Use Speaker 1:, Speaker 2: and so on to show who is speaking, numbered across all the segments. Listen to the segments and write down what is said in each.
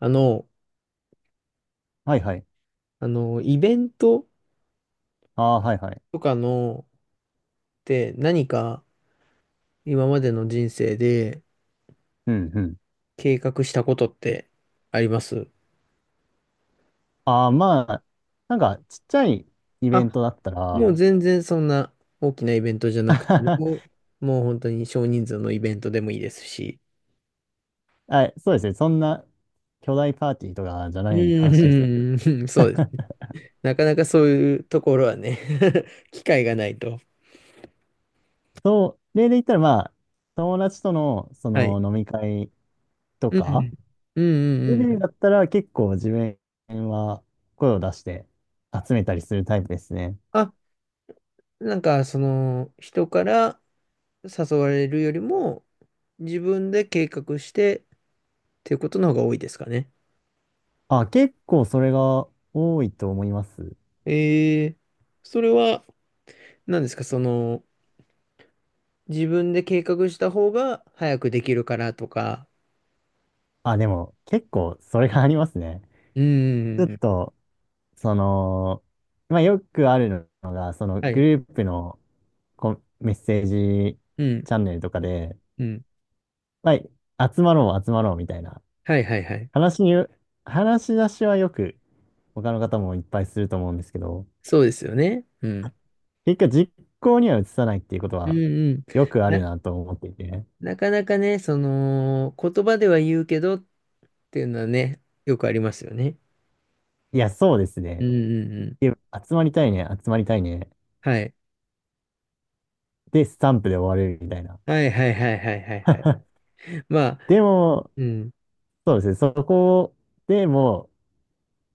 Speaker 1: あの、
Speaker 2: はいはい。
Speaker 1: イベント
Speaker 2: ああ、はいはい。
Speaker 1: とかのって何か今までの人生で
Speaker 2: うんうん。
Speaker 1: 計画したことってあります？
Speaker 2: ああ、まあ、なんか、ちっちゃいイ
Speaker 1: あ、
Speaker 2: ベントだった
Speaker 1: もう
Speaker 2: ら、
Speaker 1: 全然そんな大きなイベントじゃなくて も、もう本当に少人数のイベントでもいいですし。
Speaker 2: あ、そうですね。そんな巨大パーティーとかじゃ
Speaker 1: う
Speaker 2: ない話ですよ。
Speaker 1: ん、うん、そうです。なかなかそういうところはね、 機会がないと。
Speaker 2: そう、例で言ったら、まあ、友達との、そ
Speaker 1: はい。
Speaker 2: の飲み会と
Speaker 1: うん、う
Speaker 2: か、
Speaker 1: ん、うん。
Speaker 2: レ
Speaker 1: うん
Speaker 2: ベ
Speaker 1: う
Speaker 2: ル
Speaker 1: ん。
Speaker 2: だったら結構自分は声を出して集めたりするタイプですね。
Speaker 1: あ、なんかその人から誘われるよりも、自分で計画してっていうことの方が多いですかね。
Speaker 2: あ、結構それが多いと思います。
Speaker 1: えー、それは何ですかその、自分で計画した方が早くできるからとか。
Speaker 2: あ、でも結構それがありますね。
Speaker 1: うー
Speaker 2: ちょっ
Speaker 1: ん。
Speaker 2: と、その、まあ、よくあるのが、その
Speaker 1: は
Speaker 2: グ
Speaker 1: い。
Speaker 2: ループのコンメッセージ
Speaker 1: うん。
Speaker 2: チャンネルとかで、
Speaker 1: うん。
Speaker 2: まあ、集まろう、集まろうみたいな
Speaker 1: はいはいはい。
Speaker 2: 話に、話し出しはよく他の方もいっぱいすると思うんですけど、
Speaker 1: そうですよね。うん。
Speaker 2: 結果実行には移さないっていうこと
Speaker 1: うん
Speaker 2: は
Speaker 1: うん。
Speaker 2: よくある
Speaker 1: な、
Speaker 2: なと思っていて、
Speaker 1: なかなかね、その、言葉では言うけどっていうのはね、よくありますよね。
Speaker 2: いや、そうです
Speaker 1: うん
Speaker 2: ね。
Speaker 1: うんうん。
Speaker 2: いや集まりたいね、集まりたいね。
Speaker 1: はい。
Speaker 2: で、スタンプで終わるみたいな。
Speaker 1: はいはいはいはいはい はい。まあ、
Speaker 2: でも、
Speaker 1: うん。
Speaker 2: そうですね、そこでも、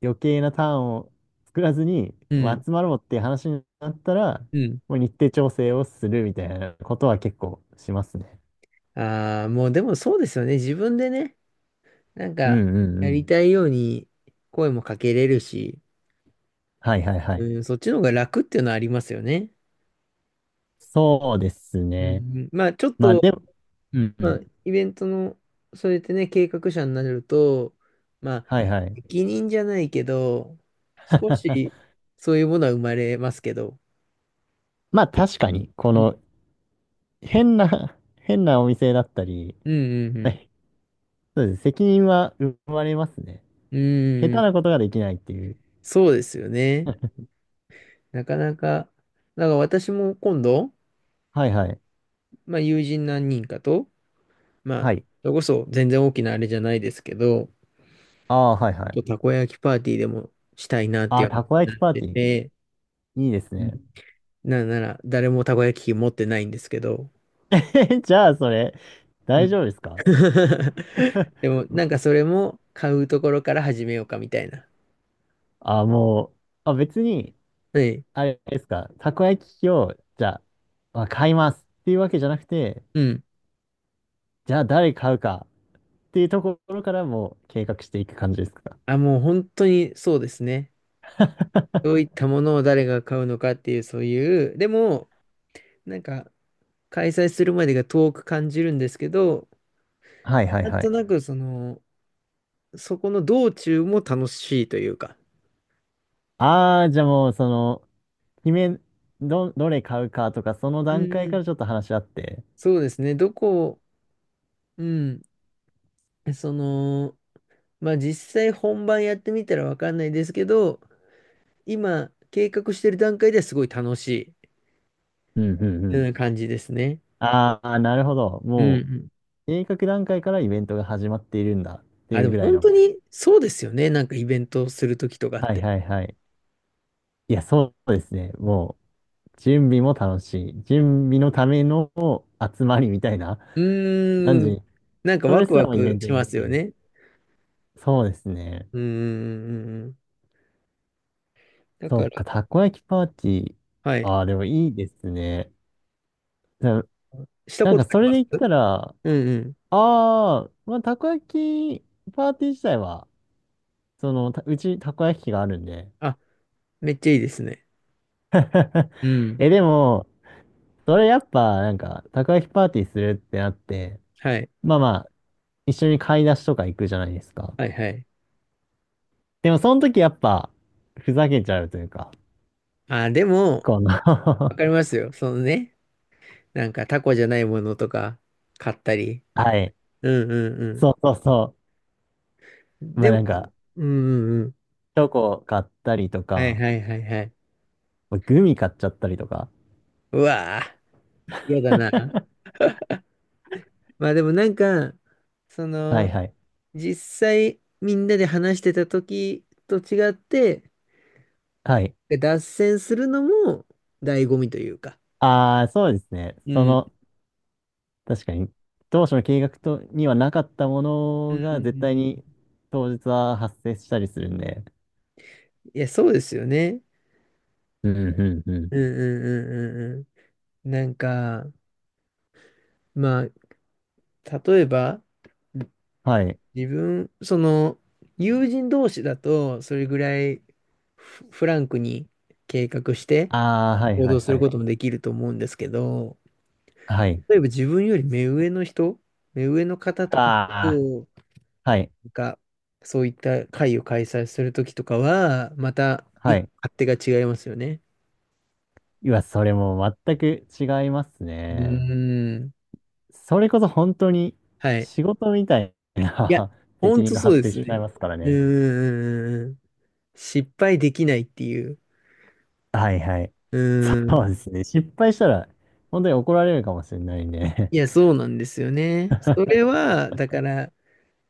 Speaker 2: 余計なターンを作らずに、
Speaker 1: う
Speaker 2: まあ
Speaker 1: ん。
Speaker 2: 集まろうっていう話になったら、
Speaker 1: うん。
Speaker 2: もう日程調整をするみたいなことは結構しますね。
Speaker 1: ああ、もうでもそうですよね。自分でね、なん
Speaker 2: う
Speaker 1: か、
Speaker 2: んうん
Speaker 1: や
Speaker 2: う
Speaker 1: り
Speaker 2: ん。
Speaker 1: たいように声もかけれるし、
Speaker 2: はいはいはい。
Speaker 1: うん、そっちの方が楽っていうのはありますよね。
Speaker 2: そうです
Speaker 1: う
Speaker 2: ね。
Speaker 1: ん、まあ、ちょっ
Speaker 2: まあで
Speaker 1: と、
Speaker 2: も、うんう
Speaker 1: まあ、
Speaker 2: ん。
Speaker 1: イベントの、そうやってね、計画者になると、まあ、
Speaker 2: はいはい。
Speaker 1: 責任じゃないけど、少し、そういうものは生まれますけど、
Speaker 2: まあ確かに、こ
Speaker 1: うん
Speaker 2: の変なお店だったり、
Speaker 1: うんう
Speaker 2: まあ
Speaker 1: ん
Speaker 2: そうです。責任は生まれますね。
Speaker 1: う
Speaker 2: 下
Speaker 1: ん。
Speaker 2: 手
Speaker 1: うん、
Speaker 2: なことができないっていう。
Speaker 1: そうですよね。なかなか、だから私も今度、
Speaker 2: はいはい。
Speaker 1: まあ、友人何人かと、まあ、
Speaker 2: はい。
Speaker 1: それこそ全然大きなあれじゃないですけど、
Speaker 2: ああ、はいは
Speaker 1: ちょっと
Speaker 2: い。
Speaker 1: たこ焼きパーティーでもしたいなっ
Speaker 2: あ
Speaker 1: てい
Speaker 2: あ、
Speaker 1: う話
Speaker 2: たこ
Speaker 1: にな
Speaker 2: 焼き
Speaker 1: っ
Speaker 2: パー
Speaker 1: て
Speaker 2: ティー。
Speaker 1: て、
Speaker 2: いいです
Speaker 1: うん、
Speaker 2: ね。
Speaker 1: なんなら誰もたこ焼き器持ってないんですけど、
Speaker 2: え じゃあ、それ、
Speaker 1: う
Speaker 2: 大
Speaker 1: ん、
Speaker 2: 丈夫ですか。
Speaker 1: でもなんかそれも買うところから始めようかみたいな。
Speaker 2: あ、もう、あ、別に、
Speaker 1: はい。
Speaker 2: あれですか、たこ焼き器を、じゃあ、まあ、買いますっていうわけじゃなくて、
Speaker 1: うん。
Speaker 2: じゃあ、誰買うかっていうところからもう計画していく感じですか。
Speaker 1: あ、もう本当にそうですね。どういったものを誰が買うのかっていう、そういう、でも、なんか開催するまでが遠く感じるんですけど、
Speaker 2: はいはい
Speaker 1: なん
Speaker 2: は
Speaker 1: と
Speaker 2: い。
Speaker 1: なくその、そこの道中も楽しいというか、
Speaker 2: ああ、じゃあもう、その、決め、ど、どれ買うかとか、その
Speaker 1: う
Speaker 2: 段
Speaker 1: ん
Speaker 2: 階
Speaker 1: う
Speaker 2: からち
Speaker 1: ん。
Speaker 2: ょっと話し合って。
Speaker 1: そうですね、どこ、うん、その、まあ実際本番やってみたらわかんないですけど、今計画してる段階ではすごい楽し
Speaker 2: うんうんう
Speaker 1: い、
Speaker 2: ん。
Speaker 1: うん、感じですね。
Speaker 2: ああ、なるほど。
Speaker 1: うんう
Speaker 2: も
Speaker 1: ん。
Speaker 2: う、計画段階からイベントが始まっているんだって
Speaker 1: あ、
Speaker 2: い
Speaker 1: で
Speaker 2: う
Speaker 1: も
Speaker 2: ぐらい
Speaker 1: 本当
Speaker 2: の。
Speaker 1: にそうですよね、なんかイベントするときとかっ
Speaker 2: はい
Speaker 1: て。
Speaker 2: はいはい。いや、そうですね。もう、準備も楽しい。準備のための集まりみたいな。
Speaker 1: う
Speaker 2: 何
Speaker 1: ーん、
Speaker 2: 時、
Speaker 1: なんか
Speaker 2: そ
Speaker 1: ワ
Speaker 2: れ
Speaker 1: ク
Speaker 2: すら
Speaker 1: ワ
Speaker 2: もイベ
Speaker 1: ク
Speaker 2: ント
Speaker 1: し
Speaker 2: にな
Speaker 1: ま
Speaker 2: っ
Speaker 1: す
Speaker 2: て
Speaker 1: よ
Speaker 2: る。
Speaker 1: ね。
Speaker 2: そうですね。
Speaker 1: うんうんうんうん。だ
Speaker 2: そ
Speaker 1: か
Speaker 2: っ
Speaker 1: ら、
Speaker 2: か、たこ焼きパーティー。
Speaker 1: はい。
Speaker 2: ああ、でもいいですね。な、
Speaker 1: した
Speaker 2: な
Speaker 1: こ
Speaker 2: んか
Speaker 1: とあ
Speaker 2: そ
Speaker 1: り
Speaker 2: れ
Speaker 1: ま
Speaker 2: で言っ
Speaker 1: す？
Speaker 2: たら、あ
Speaker 1: うんうん。
Speaker 2: あ、まあ、たこ焼きパーティー自体は、その、たうちたこ焼き器があるんで。
Speaker 1: あ、めっちゃいいですね。うん。
Speaker 2: え、でも、それやっぱ、なんか、たこ焼きパーティーするってなって、
Speaker 1: はい。
Speaker 2: まあまあ、一緒に買い出しとか行くじゃないですか。
Speaker 1: はいはい。
Speaker 2: でも、その時やっぱ、ふざけちゃうというか、
Speaker 1: あ、でも、
Speaker 2: この
Speaker 1: わかりますよ。そのね、なんかタコじゃないものとか買ったり。
Speaker 2: はい。
Speaker 1: うんうん
Speaker 2: そうそうそ
Speaker 1: うん。
Speaker 2: う。ま
Speaker 1: で
Speaker 2: あ
Speaker 1: も、
Speaker 2: なんか、
Speaker 1: うんうんうん。
Speaker 2: チョコ買ったりと
Speaker 1: はい
Speaker 2: か、
Speaker 1: はいはいはい。
Speaker 2: グミ買っちゃったりとか。
Speaker 1: うわぁ、嫌だな。まあでもなんか、そ
Speaker 2: はい
Speaker 1: の、
Speaker 2: はい。
Speaker 1: 実際みんなで話してた時と違って、
Speaker 2: はい。
Speaker 1: 脱線するのも醍醐味というか。
Speaker 2: ああ、そうですね。
Speaker 1: う
Speaker 2: そ
Speaker 1: ん。
Speaker 2: の、確かに、当初の計画とにはなかったも
Speaker 1: う
Speaker 2: の
Speaker 1: んう
Speaker 2: が、絶対
Speaker 1: んうん、
Speaker 2: に当日は発生したりするんで。
Speaker 1: いや、そうですよね。
Speaker 2: うんうんうん。
Speaker 1: うんうんうんうんうん。なんか、まあ、例えば、
Speaker 2: はい。
Speaker 1: 自分、その、友人同士だと、それぐらいフランクに計画して
Speaker 2: ああ、はい
Speaker 1: 行
Speaker 2: はい
Speaker 1: 動す
Speaker 2: は
Speaker 1: る
Speaker 2: い。
Speaker 1: こともできると思うんですけど、
Speaker 2: はい。
Speaker 1: 例えば自分より目上の人、目上の方とか
Speaker 2: あ
Speaker 1: と、
Speaker 2: あ、はい。
Speaker 1: なんか、そういった会を開催するときとかは、また
Speaker 2: は
Speaker 1: 一
Speaker 2: い。
Speaker 1: 勝手が違いますよね。
Speaker 2: いや、それもう全く違います
Speaker 1: う
Speaker 2: ね。
Speaker 1: ーん。
Speaker 2: それこそ本当に
Speaker 1: はい。
Speaker 2: 仕事みたい
Speaker 1: いや、
Speaker 2: な
Speaker 1: ほ
Speaker 2: 責
Speaker 1: ん
Speaker 2: 任
Speaker 1: と
Speaker 2: が
Speaker 1: そう
Speaker 2: 発
Speaker 1: で
Speaker 2: 生
Speaker 1: す
Speaker 2: しちゃ
Speaker 1: ね。
Speaker 2: いますから
Speaker 1: う
Speaker 2: ね。
Speaker 1: ーん。失敗できないっていう。
Speaker 2: はいはい。
Speaker 1: うー
Speaker 2: そう
Speaker 1: ん。
Speaker 2: ですね。失敗したら本当に怒られるかもしれないんで。
Speaker 1: いや、そうなんですよね。それは、だから、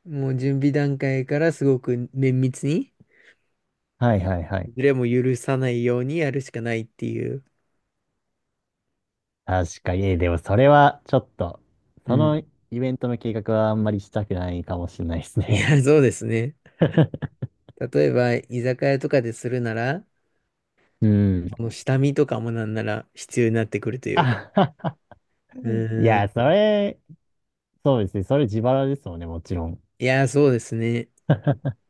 Speaker 1: もう準備段階からすごく綿密に、
Speaker 2: はいはいはい。
Speaker 1: ズレも許さないようにやるしかないっていう。
Speaker 2: 確かに。えでもそれはちょっと、
Speaker 1: う
Speaker 2: そ
Speaker 1: ん。
Speaker 2: のイベントの計画はあんまりしたくないかもしれないです
Speaker 1: い
Speaker 2: ね。
Speaker 1: や、そうですね。例えば、居酒屋とかでするなら、
Speaker 2: うん。
Speaker 1: この下見とかもなんなら必要になってくるというか。
Speaker 2: あはは
Speaker 1: う
Speaker 2: いや、そ
Speaker 1: ん。
Speaker 2: れ、そうですね。それ自腹ですもんね、もちろん。
Speaker 1: いや、そうですね。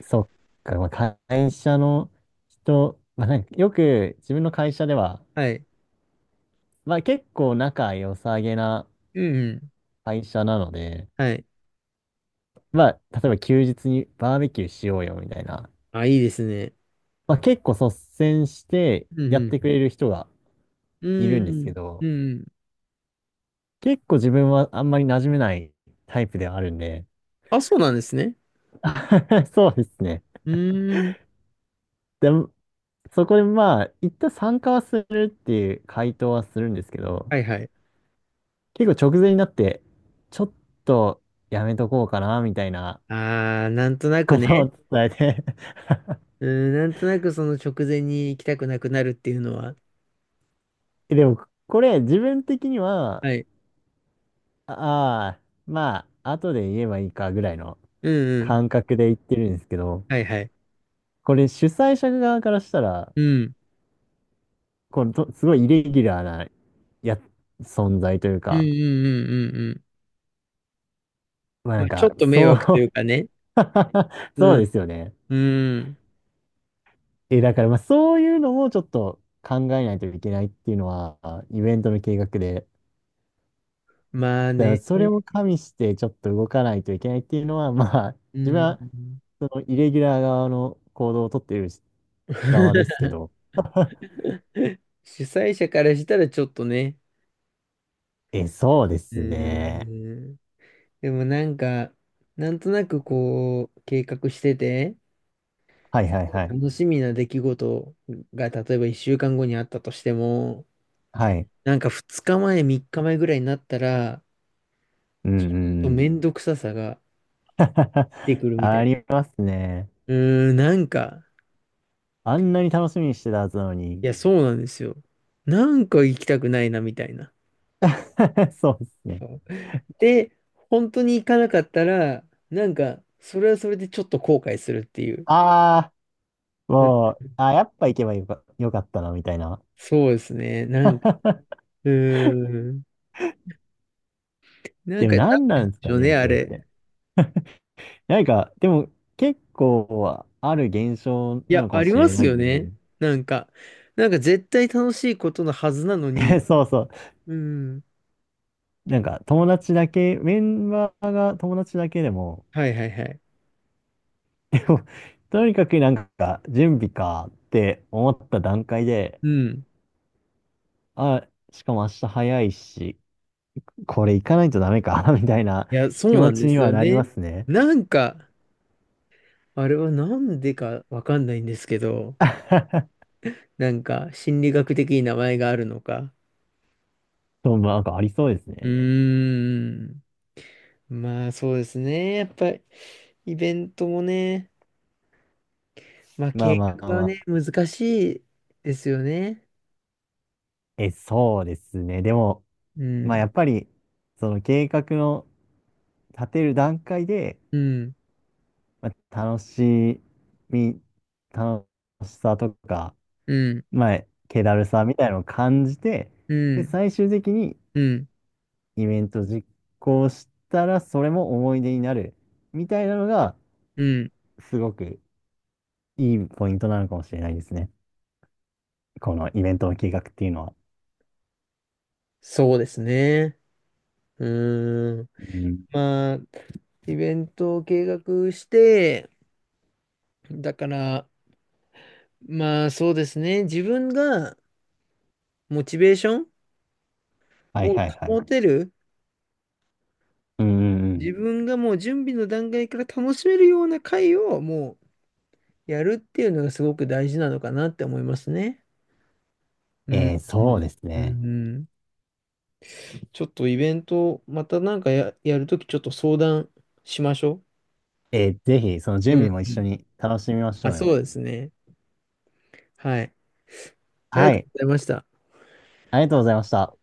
Speaker 2: そっか、まあ、会社の人、まあ、なんかよく自分の会社では、
Speaker 1: はい。
Speaker 2: まあ、結構仲良さげな
Speaker 1: うんうん。
Speaker 2: 会社なので、
Speaker 1: はい。
Speaker 2: まあ、例えば休日にバーベキューしようよみたいな、
Speaker 1: あ、いいですね。
Speaker 2: まあ、結構率先して
Speaker 1: う
Speaker 2: やっ
Speaker 1: ん
Speaker 2: てくれる人が
Speaker 1: う
Speaker 2: いるんですけ
Speaker 1: ん。うんう
Speaker 2: ど、
Speaker 1: ん。
Speaker 2: 結構自分はあんまり馴染めないタイプではあるんで、
Speaker 1: あ、そうなんですね。
Speaker 2: そうですね。
Speaker 1: うん。
Speaker 2: でも、そこでまあ、一旦参加はするっていう回答はするんですけど、
Speaker 1: はいはい。
Speaker 2: 結構直前になって、ちょっとやめとこうかな、みたいな
Speaker 1: ああ、なんとなく
Speaker 2: こ
Speaker 1: ね。
Speaker 2: とを伝えて。
Speaker 1: うん、なんとなくその直前に行きたくなくなるっていうのは。
Speaker 2: えでも、これ自分的には、
Speaker 1: はい。
Speaker 2: ああー、まあ、後で言えばいいかぐらいの
Speaker 1: うんうん。
Speaker 2: 感覚で言ってるんですけど、
Speaker 1: はいはい。
Speaker 2: これ主催者側からしたら、
Speaker 1: うん。
Speaker 2: このと、すごいイレギュラーなや、存在という
Speaker 1: うんう
Speaker 2: か、
Speaker 1: んうんうんうん。
Speaker 2: まあな
Speaker 1: ま
Speaker 2: ん
Speaker 1: あ、ちょ
Speaker 2: か、
Speaker 1: っと迷
Speaker 2: そう。
Speaker 1: 惑というかね。
Speaker 2: そ
Speaker 1: う
Speaker 2: うで
Speaker 1: ん。
Speaker 2: すよね。
Speaker 1: うん。
Speaker 2: え、だからまあそういうのもちょっと考えないといけないっていうのは、イベントの計画で、
Speaker 1: まあ
Speaker 2: だから
Speaker 1: ね。
Speaker 2: それも加味してちょっと動かないといけないっていうのは、まあ、
Speaker 1: う
Speaker 2: 自分は
Speaker 1: ん。
Speaker 2: そのイレギュラー側の行動をとっている側ですけど。
Speaker 1: 主催者からしたらちょっとね。
Speaker 2: え、そうで
Speaker 1: う
Speaker 2: すね。
Speaker 1: ーん。でもなんか、なんとなくこう、計画してて、
Speaker 2: はいはいはい。
Speaker 1: 楽しみな出来事が、例えば1週間後にあったとしても、
Speaker 2: はい。
Speaker 1: なんか2日前、3日前ぐらいになったら、
Speaker 2: うんうん
Speaker 1: と
Speaker 2: うん。
Speaker 1: めんどくささが 出てくるみた
Speaker 2: あ
Speaker 1: い。
Speaker 2: りますね。
Speaker 1: うーん、なんか、
Speaker 2: あんなに楽しみにしてたはずなのに。
Speaker 1: いや、そうなんですよ。なんか行きたくないな、みたいな。
Speaker 2: そうですね。
Speaker 1: そうで、本当に行かなかったら、なんか、それはそれでちょっと後悔するっていう。
Speaker 2: ああ、
Speaker 1: うん、
Speaker 2: もう、あー、やっぱ行けばよか、よかったな、みたいな。
Speaker 1: そうですね。なんか、うーん。なん
Speaker 2: でも
Speaker 1: か、なん
Speaker 2: 何
Speaker 1: で
Speaker 2: なんです
Speaker 1: し
Speaker 2: か
Speaker 1: ょうね、
Speaker 2: ね、
Speaker 1: あ
Speaker 2: それっ
Speaker 1: れ。
Speaker 2: て。なんか、でも結構ある現象
Speaker 1: い
Speaker 2: な
Speaker 1: や、
Speaker 2: のか
Speaker 1: あ
Speaker 2: も
Speaker 1: り
Speaker 2: し
Speaker 1: ま
Speaker 2: れ
Speaker 1: す
Speaker 2: ない
Speaker 1: よ
Speaker 2: ん
Speaker 1: ね。
Speaker 2: で、
Speaker 1: なんか、なんか絶対楽しいことのはずなのに、
Speaker 2: そうそう。
Speaker 1: うん。
Speaker 2: なんか友達だけ、メンバーが友達だけでも、
Speaker 1: はいはいはい。
Speaker 2: でもとにかくなんか準備かって思った段階で、
Speaker 1: うん。
Speaker 2: あ、しかも明日早いし、これ行かないとダメか、みたいな
Speaker 1: いや、そ
Speaker 2: 気
Speaker 1: うな
Speaker 2: 持
Speaker 1: ん
Speaker 2: ち
Speaker 1: で
Speaker 2: に
Speaker 1: す
Speaker 2: は
Speaker 1: よ
Speaker 2: なりま
Speaker 1: ね。
Speaker 2: すね。
Speaker 1: なんか、あれはなんでかわかんないんですけど、なんか心理学的に名前があるのか。
Speaker 2: そう、まあなんかありそうです
Speaker 1: う
Speaker 2: ね。
Speaker 1: ーん。まあそうですね。やっぱりイベントもね、まあ
Speaker 2: まあ
Speaker 1: 計
Speaker 2: まあ
Speaker 1: 画は
Speaker 2: ま
Speaker 1: ね、
Speaker 2: あ。
Speaker 1: 難しいですよね。
Speaker 2: え、そうですね。でも、
Speaker 1: う
Speaker 2: まあ
Speaker 1: ん。
Speaker 2: やっぱり、その計画の立てる段階で、
Speaker 1: うん。
Speaker 2: まあ、楽しみ、楽しさとか、
Speaker 1: うん。
Speaker 2: まあ、気だるさみたいなのを感じて、
Speaker 1: う
Speaker 2: で、
Speaker 1: ん。
Speaker 2: 最終的に
Speaker 1: うん。
Speaker 2: イベント実行したら、それも思い出になる、みたいなのが、
Speaker 1: うん。
Speaker 2: すごくいいポイントなのかもしれないですね。このイベントの計画っていうのは。
Speaker 1: そうですね。うーん。
Speaker 2: うん。
Speaker 1: まあ、イベントを計画して、だから、まあそうですね。自分がモチベーション
Speaker 2: はい
Speaker 1: を
Speaker 2: はいはい。
Speaker 1: 保てる、
Speaker 2: うんうんう
Speaker 1: 自
Speaker 2: ん。
Speaker 1: 分がもう準備の段階から楽しめるような回をもうやるっていうのがすごく大事なのかなって思いますね。うん。
Speaker 2: えー、
Speaker 1: う
Speaker 2: そう
Speaker 1: ん
Speaker 2: です
Speaker 1: う
Speaker 2: ね。
Speaker 1: んうん、ちょっとイベント、またなんかやるときちょっと相談しましょ
Speaker 2: えー、ぜひ、その
Speaker 1: う。
Speaker 2: 準
Speaker 1: うん
Speaker 2: 備も一
Speaker 1: うん。
Speaker 2: 緒に楽しみまし
Speaker 1: あ、
Speaker 2: ょうよ。
Speaker 1: そうですね。はい。あり
Speaker 2: は
Speaker 1: がと
Speaker 2: い。
Speaker 1: うございました。
Speaker 2: ありがとうございました。